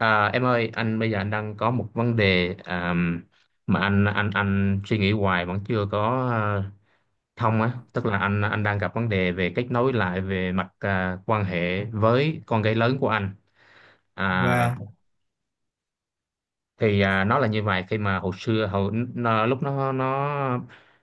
À, em ơi, anh bây giờ đang có một vấn đề, mà anh suy nghĩ hoài vẫn chưa thông á. Tức là anh đang gặp vấn đề về kết nối lại về mặt, quan hệ với con gái lớn của anh. À, Và thì nó là như vậy: khi mà hồi xưa hồi nó, lúc nó nó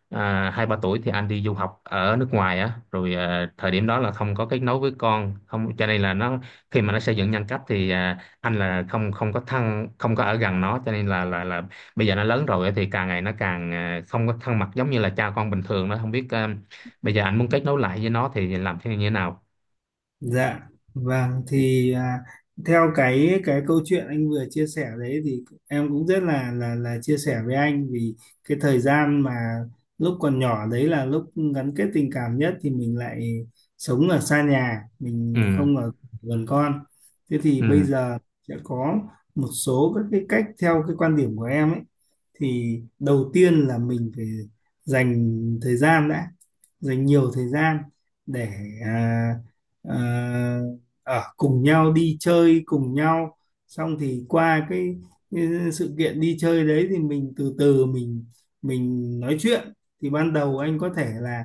à, 2 3 tuổi thì anh đi du học ở nước ngoài á, rồi thời điểm đó là không có kết nối với con, không cho nên là nó khi mà nó xây dựng nhân cách thì, anh là không không có thân, không có ở gần nó, cho nên là bây giờ nó lớn rồi á, thì càng ngày nó càng, không có thân mật giống như là cha con bình thường, nó không biết. Bây giờ anh muốn kết nối lại với nó thì làm thế như thế nào? dạ, vâng, thì theo cái câu chuyện anh vừa chia sẻ đấy, thì em cũng rất là chia sẻ với anh. Vì cái thời gian mà lúc còn nhỏ đấy là lúc gắn kết tình cảm nhất thì mình lại sống ở xa nhà, mình Ừ. không ở gần con. Thế thì bây Ừ, giờ sẽ có một số các cái cách theo cái quan điểm của em ấy, thì đầu tiên là mình phải dành thời gian đã, dành nhiều thời gian để à, à, ở cùng nhau, đi chơi cùng nhau. Xong thì qua cái sự kiện đi chơi đấy thì mình từ từ mình nói chuyện. Thì ban đầu anh có thể là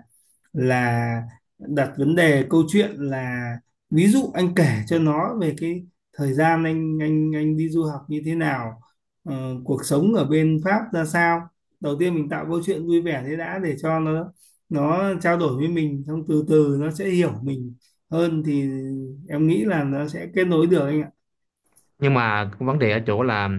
là đặt vấn đề câu chuyện, là ví dụ anh kể cho nó về cái thời gian anh anh đi du học như thế nào, cuộc sống ở bên Pháp ra sao. Đầu tiên mình tạo câu chuyện vui vẻ thế đã, để cho nó trao đổi với mình, xong từ từ nó sẽ hiểu mình hơn, thì em nghĩ là nó sẽ kết nối được anh ạ. nhưng mà vấn đề ở chỗ là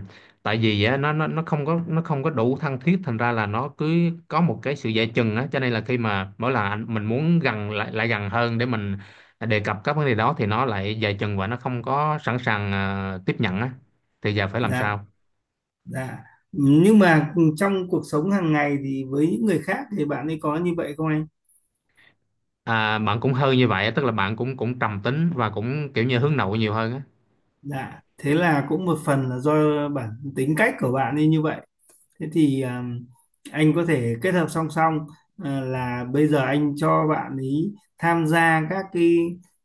tại vì á, nó không có, nó không có đủ thân thiết, thành ra là nó cứ có một cái sự dè chừng á, cho nên là khi mà mỗi lần mình muốn gần lại lại gần hơn để mình đề cập các vấn đề đó thì nó lại dè chừng và nó không có sẵn sàng tiếp nhận á, thì giờ phải làm Dạ, sao? dạ, nhưng mà trong cuộc sống hàng ngày thì với những người khác thì bạn ấy có như vậy không anh? À, bạn cũng hơi như vậy á, tức là bạn cũng cũng trầm tính và cũng kiểu như hướng nội nhiều hơn á. Dạ, thế là cũng một phần là do bản tính cách của bạn ấy như vậy. Thế thì anh có thể kết hợp song song, là bây giờ anh cho bạn ý tham gia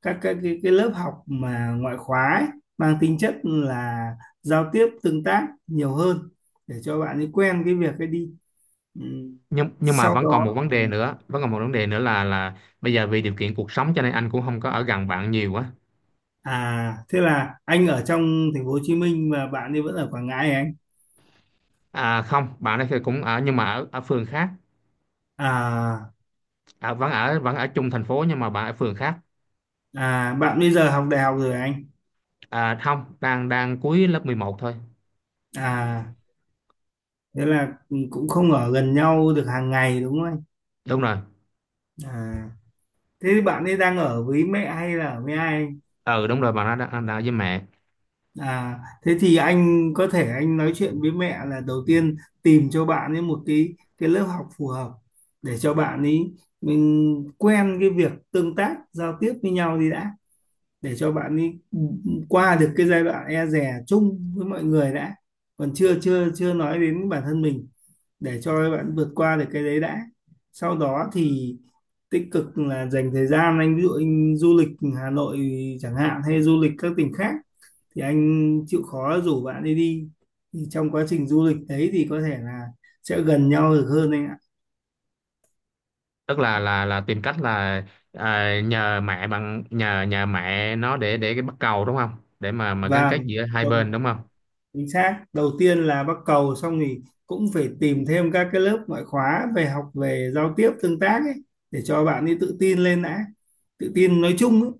các cái lớp học mà ngoại khóa ấy, mang tính chất là giao tiếp tương tác nhiều hơn, để cho bạn ấy quen cái việc ấy đi. Ừ. Nhưng mà Sau vẫn còn một đó, vấn đề nữa, vẫn còn một vấn đề nữa là bây giờ vì điều kiện cuộc sống cho nên anh cũng không có ở gần bạn nhiều á. à thế là anh ở trong thành phố Hồ Chí Minh và bạn ấy vẫn ở Quảng Ngãi hả anh? À không, bạn ấy thì cũng ở nhưng mà ở ở phường khác. À, À, vẫn ở, vẫn ở chung thành phố nhưng mà bạn ở phường khác. à bạn bây giờ học đại học rồi hả anh? À không, đang đang cuối lớp 11 thôi. À thế là cũng không ở gần nhau được hàng ngày đúng không? Đúng rồi. À, thế bạn ấy đang ở với mẹ hay là ở với ai? Ừ đúng rồi, bạn nó đang, đang với mẹ. À, thế thì anh có thể anh nói chuyện với mẹ, là đầu tiên tìm cho bạn ấy một cái lớp học phù hợp, để cho bạn ấy mình quen cái việc tương tác giao tiếp với nhau đi đã, để cho bạn ấy qua được cái giai đoạn e dè chung với mọi người đã, còn chưa chưa chưa nói đến bản thân mình, để cho bạn vượt qua được cái đấy đã. Sau đó thì tích cực là dành thời gian, anh ví dụ anh du lịch Hà Nội chẳng hạn, hay du lịch các tỉnh khác, thì anh chịu khó rủ bạn đi đi, thì trong quá trình du lịch đấy thì có thể là sẽ gần nhau được hơn anh ạ. Tức là tìm cách là à, nhờ mẹ, bằng nhờ nhờ mẹ nó để cái bắt cầu, đúng không? Để mà gắn kết Vâng, giữa hai vâng. bên, đúng không? Chính xác, đầu tiên là bắt cầu, xong thì cũng phải tìm thêm các cái lớp ngoại khóa về học, về giao tiếp tương tác ấy, để cho bạn ấy tự tin lên đã. Tự tin nói chung ấy,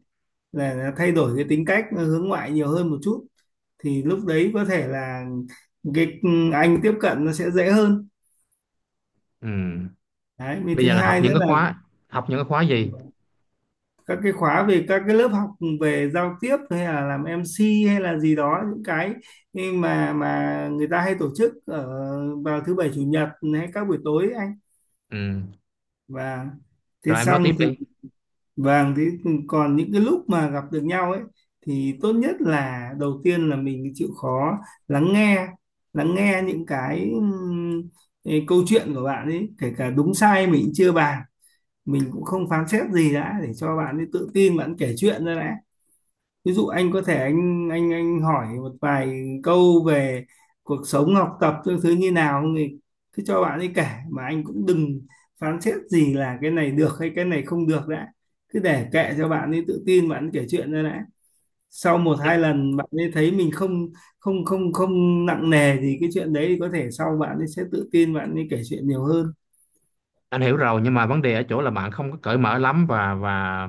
là thay đổi cái tính cách nó, hướng ngoại nhiều hơn một chút, thì lúc đấy có thể là cái anh tiếp cận nó sẽ dễ hơn. Ừ. Đấy, với Bây thứ giờ là học hai những nữa cái khóa, học những cái khóa gì? là các cái khóa, về các cái lớp học về giao tiếp, hay là làm em MC hay là gì đó, những cái mà người ta hay tổ chức ở vào thứ bảy chủ nhật hay các buổi tối ấy anh. Ừ. Và thế Rồi em nói tiếp xong thì, đi. vàng thế, còn những cái lúc mà gặp được nhau ấy thì tốt nhất là đầu tiên là mình chịu khó lắng nghe, lắng nghe những cái câu chuyện của bạn ấy, kể cả đúng sai mình cũng chưa bàn, mình cũng không phán xét gì đã, để cho bạn ấy tự tin bạn kể chuyện ra đã. Ví dụ anh có thể anh hỏi một vài câu về cuộc sống, học tập các thứ như nào, thì cứ cho bạn ấy kể, mà anh cũng đừng phán xét gì là cái này được hay cái này không được đã, cứ để kệ cho bạn ấy tự tin bạn ấy kể chuyện ra đã. Sau một hai lần bạn ấy thấy mình không không không không nặng nề gì cái chuyện đấy thì có thể sau bạn ấy sẽ tự tin bạn ấy kể chuyện nhiều hơn. Anh hiểu rồi, nhưng mà vấn đề ở chỗ là bạn không có cởi mở lắm, và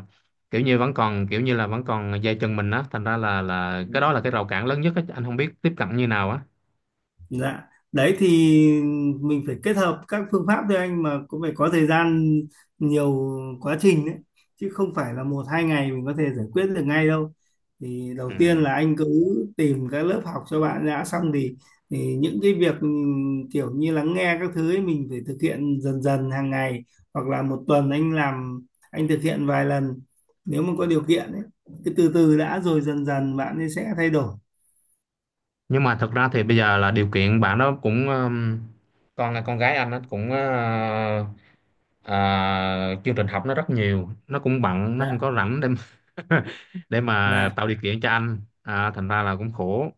kiểu như vẫn còn, kiểu như là vẫn còn dây chân mình á, thành ra là cái đó là cái rào cản lớn nhất á, anh không biết tiếp cận như nào á. Dạ, đấy thì mình phải kết hợp các phương pháp thôi anh, mà cũng phải có thời gian nhiều, quá trình đấy, chứ không phải là một hai ngày mình có thể giải quyết được ngay đâu. Thì Ừ. đầu tiên là anh cứ tìm các lớp học cho bạn đã, xong thì những cái việc kiểu như lắng nghe các thứ ấy mình phải thực hiện dần dần hàng ngày, hoặc là một tuần anh anh thực hiện vài lần nếu mà có điều kiện ấy, cứ từ từ đã rồi dần dần bạn ấy sẽ thay đổi. Nhưng mà thật ra thì bây giờ là điều kiện bạn đó cũng, con gái anh nó cũng, chương trình học nó rất nhiều, nó cũng bận, nó không Dạ. có rảnh để mà- để mà Dạ. tạo điều kiện cho anh, thành ra là cũng khổ.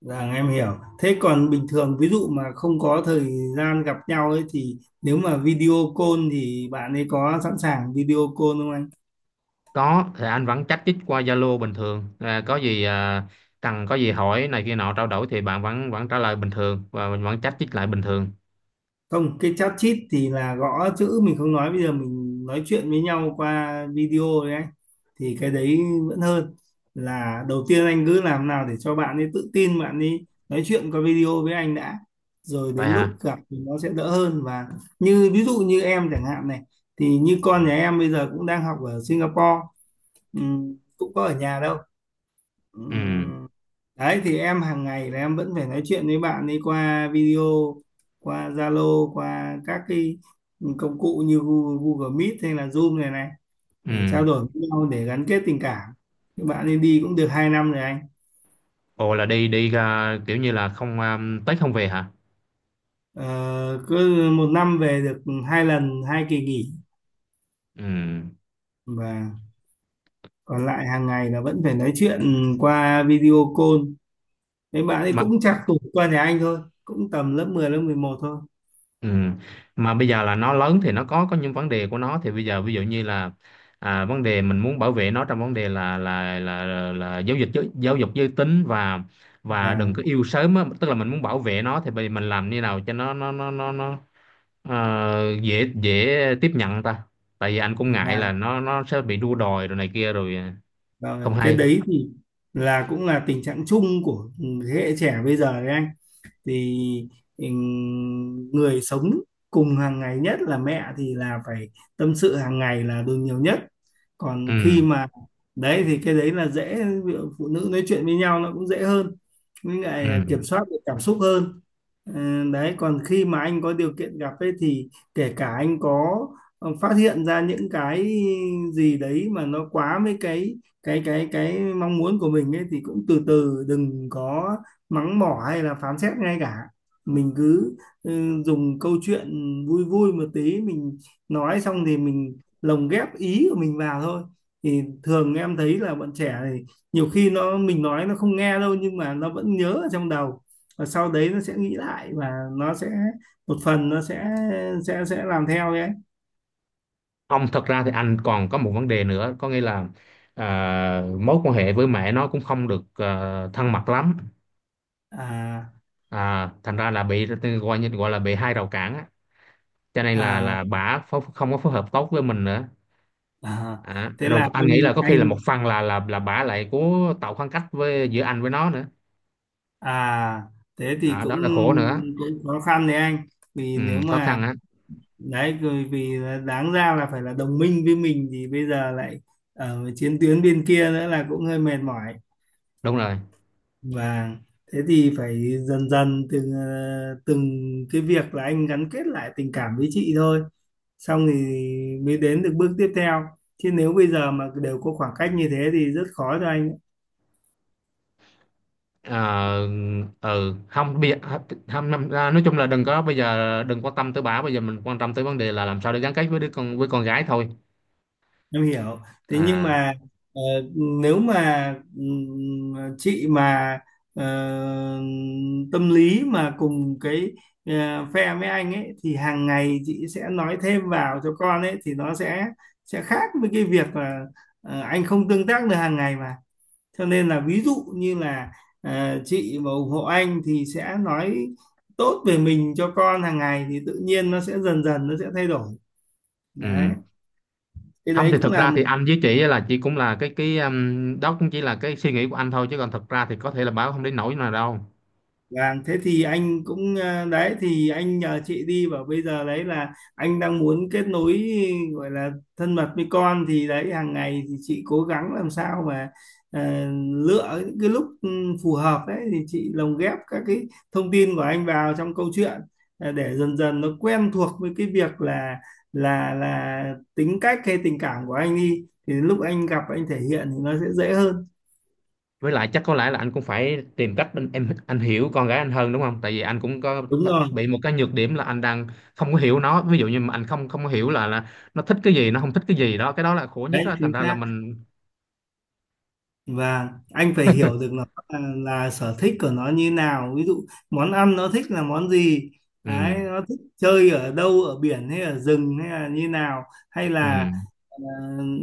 Vâng, em hiểu. Thế còn bình thường ví dụ mà không có thời gian gặp nhau ấy thì nếu mà video call thì bạn ấy có sẵn sàng video call không anh? Có, thì anh vẫn chat chít qua Zalo bình thường, có gì, cần có gì hỏi này kia nọ trao đổi thì bạn vẫn vẫn trả lời bình thường và mình vẫn chat chít lại bình thường. Không, cái chat chít thì là gõ chữ, mình không nói, bây giờ mình nói chuyện với nhau qua video đấy anh. Thì cái đấy vẫn hơn, là đầu tiên anh cứ làm nào để cho bạn ấy tự tin bạn ấy nói chuyện qua video với anh đã. Rồi Vậy đến lúc hả? gặp thì nó sẽ đỡ hơn. Và như ví dụ như em chẳng hạn này, thì như con nhà em bây giờ cũng đang học ở Singapore. Cũng có ở nhà đâu. Ừ. Ừm, đấy thì em hàng ngày là em vẫn phải nói chuyện với bạn ấy qua video, qua Zalo, qua các cái công cụ như Google, Google Meet hay là Zoom này này, Ừ. để trao đổi với nhau, để gắn kết tình cảm. Bạn ấy đi cũng được 2 năm rồi anh. Ồ, là đi đi à, kiểu như là không, tới không về hả? Ờ, cứ một năm về được hai lần, hai kỳ nghỉ. Ừ. Và còn lại hàng ngày là vẫn phải nói chuyện qua video call. Mấy bạn ấy Mà. cũng trạc tuổi qua nhà anh thôi, cũng tầm lớp mười, lớp mười một thôi. Ừ. Mà bây giờ là nó lớn thì nó có những vấn đề của nó, thì bây giờ ví dụ như là, vấn đề mình muốn bảo vệ nó trong vấn đề là là giáo dục giới tính và đừng Là có yêu sớm á. Tức là mình muốn bảo vệ nó, thì bây giờ mình làm như nào cho nó dễ dễ tiếp nhận ta, tại vì anh cũng ngại là là nó sẽ bị đua đòi rồi này kia rồi, Rồi, không cái hay. đấy thì cũng là tình trạng chung của thế hệ trẻ bây giờ đấy anh. Thì người sống cùng hàng ngày nhất là mẹ thì là phải tâm sự hàng ngày là đương nhiều nhất. Ừ. Còn khi mà đấy thì cái đấy là dễ, ví dụ phụ nữ nói chuyện với nhau nó cũng dễ hơn, với Ừ. lại kiểm soát được cảm xúc hơn. Ờ, đấy còn khi mà anh có điều kiện gặp ấy, thì kể cả anh có phát hiện ra những cái gì đấy mà nó quá với cái mong muốn của mình ấy, thì cũng từ từ đừng có mắng mỏ hay là phán xét, ngay cả mình cứ dùng câu chuyện vui vui một tí, mình nói xong thì mình lồng ghép ý của mình vào thôi. Thì thường em thấy là bọn trẻ thì nhiều khi mình nói nó không nghe đâu, nhưng mà nó vẫn nhớ ở trong đầu, và sau đấy nó sẽ nghĩ lại, và nó sẽ một phần nó sẽ làm theo đấy. Không, thật ra thì anh còn có một vấn đề nữa, có nghĩa là, à, mối quan hệ với mẹ nó cũng không được, thân mật lắm, À, thành ra là bị gọi, như gọi là bị hai rào cản á, cho nên là à, bả phó- không có phối hợp tốt với mình nữa. à À, thế rồi là anh nghĩ anh là có khi là anh một phần là bả lại cố tạo khoảng cách với giữa anh với nó nữa, à thế thì à, cũng đó là khổ nữa. cũng khó khăn đấy anh. Vì Ừ, nếu khó mà khăn á. đấy, rồi vì là đáng ra là phải là đồng minh với mình thì bây giờ lại ở chiến tuyến bên kia nữa, là cũng hơi mệt mỏi. Đúng rồi. Và thế thì phải dần dần từng từng cái việc là anh gắn kết lại tình cảm với chị thôi, xong thì mới đến được bước tiếp theo, chứ nếu bây giờ mà đều có khoảng cách như thế thì rất khó cho anh. Ờ. Ừ, không bây giờ, không năm- à, nói chung là đừng có, bây giờ đừng quan tâm tới bà, bây giờ mình quan tâm tới vấn đề là làm sao để gắn kết với đứa con, với con gái thôi. Em hiểu, thế nhưng À. mà ờ, nếu mà chị mà ờ, tâm lý mà cùng cái phe với anh ấy, thì hàng ngày chị sẽ nói thêm vào cho con ấy thì nó sẽ khác với cái việc là anh không tương tác được hàng ngày mà, cho nên là ví dụ như là chị mà ủng hộ anh thì sẽ nói tốt về mình cho con hàng ngày, thì tự nhiên nó sẽ dần dần nó sẽ thay đổi. Đấy, Ừ. cái Không đấy thì cũng thực là ra một. thì anh với chị, là chị cũng là cái, đó cũng chỉ là cái suy nghĩ của anh thôi, chứ còn thực ra thì có thể là bà cũng không đến nỗi nào đâu. Vâng, thế thì anh cũng đấy thì anh nhờ chị đi, và bây giờ đấy là anh đang muốn kết nối gọi là thân mật với con, thì đấy hàng ngày thì chị cố gắng làm sao mà ờ, lựa những cái lúc phù hợp đấy thì chị lồng ghép các cái thông tin của anh vào trong câu chuyện, để dần dần nó quen thuộc với cái việc là là là tính cách hay tình cảm của anh đi, thì lúc anh gặp anh thể hiện thì nó sẽ dễ hơn. Với lại chắc có lẽ là anh cũng phải tìm cách, anh, em anh hiểu con gái anh hơn, đúng không, tại vì anh cũng có Đúng rồi, bị một cái nhược điểm là anh đang không có hiểu nó, ví dụ như mà anh không không có hiểu là nó thích cái gì, nó không thích cái gì đó, cái đó là khổ nhất đấy đó. Thành chính ra là xác. mình. Và anh phải hiểu được nó là sở thích của nó như nào, ví dụ món ăn nó thích là món gì, Ừ. đấy nó thích chơi ở đâu, ở biển hay ở rừng hay là như nào, hay Ừ, là ờ,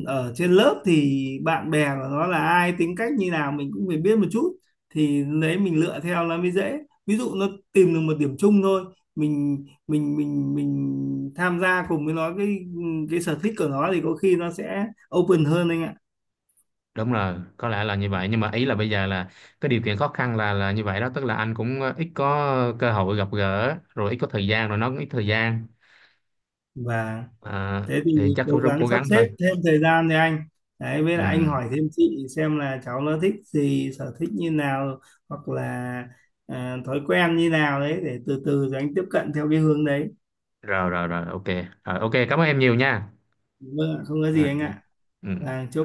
ở trên lớp thì bạn bè của nó là ai, tính cách như nào mình cũng phải biết một chút, thì đấy mình lựa theo nó mới dễ. Ví dụ nó tìm được một điểm chung thôi, mình mình tham gia cùng với nó cái sở thích của nó, thì có khi nó sẽ open hơn anh ạ. đúng rồi, có lẽ là như vậy, nhưng mà ý là bây giờ là cái điều kiện khó khăn là như vậy đó, tức là anh cũng, ít có cơ hội gặp gỡ, rồi ít có thời gian, rồi nó cũng ít thời gian, Và à, thế thì thì chắc cố tôi rất cố gắng sắp gắng thôi. xếp thêm thời gian đi anh. Đấy với Ừ, lại anh hỏi thêm chị xem là cháu nó thích gì, sở thích như nào, hoặc là thói quen như nào đấy, để từ từ rồi anh tiếp cận theo cái hướng đấy. rồi rồi rồi, ok, cảm ơn em nhiều nha. Vâng ạ, không có gì Rồi, anh ok. ạ. Ừ. Và chúc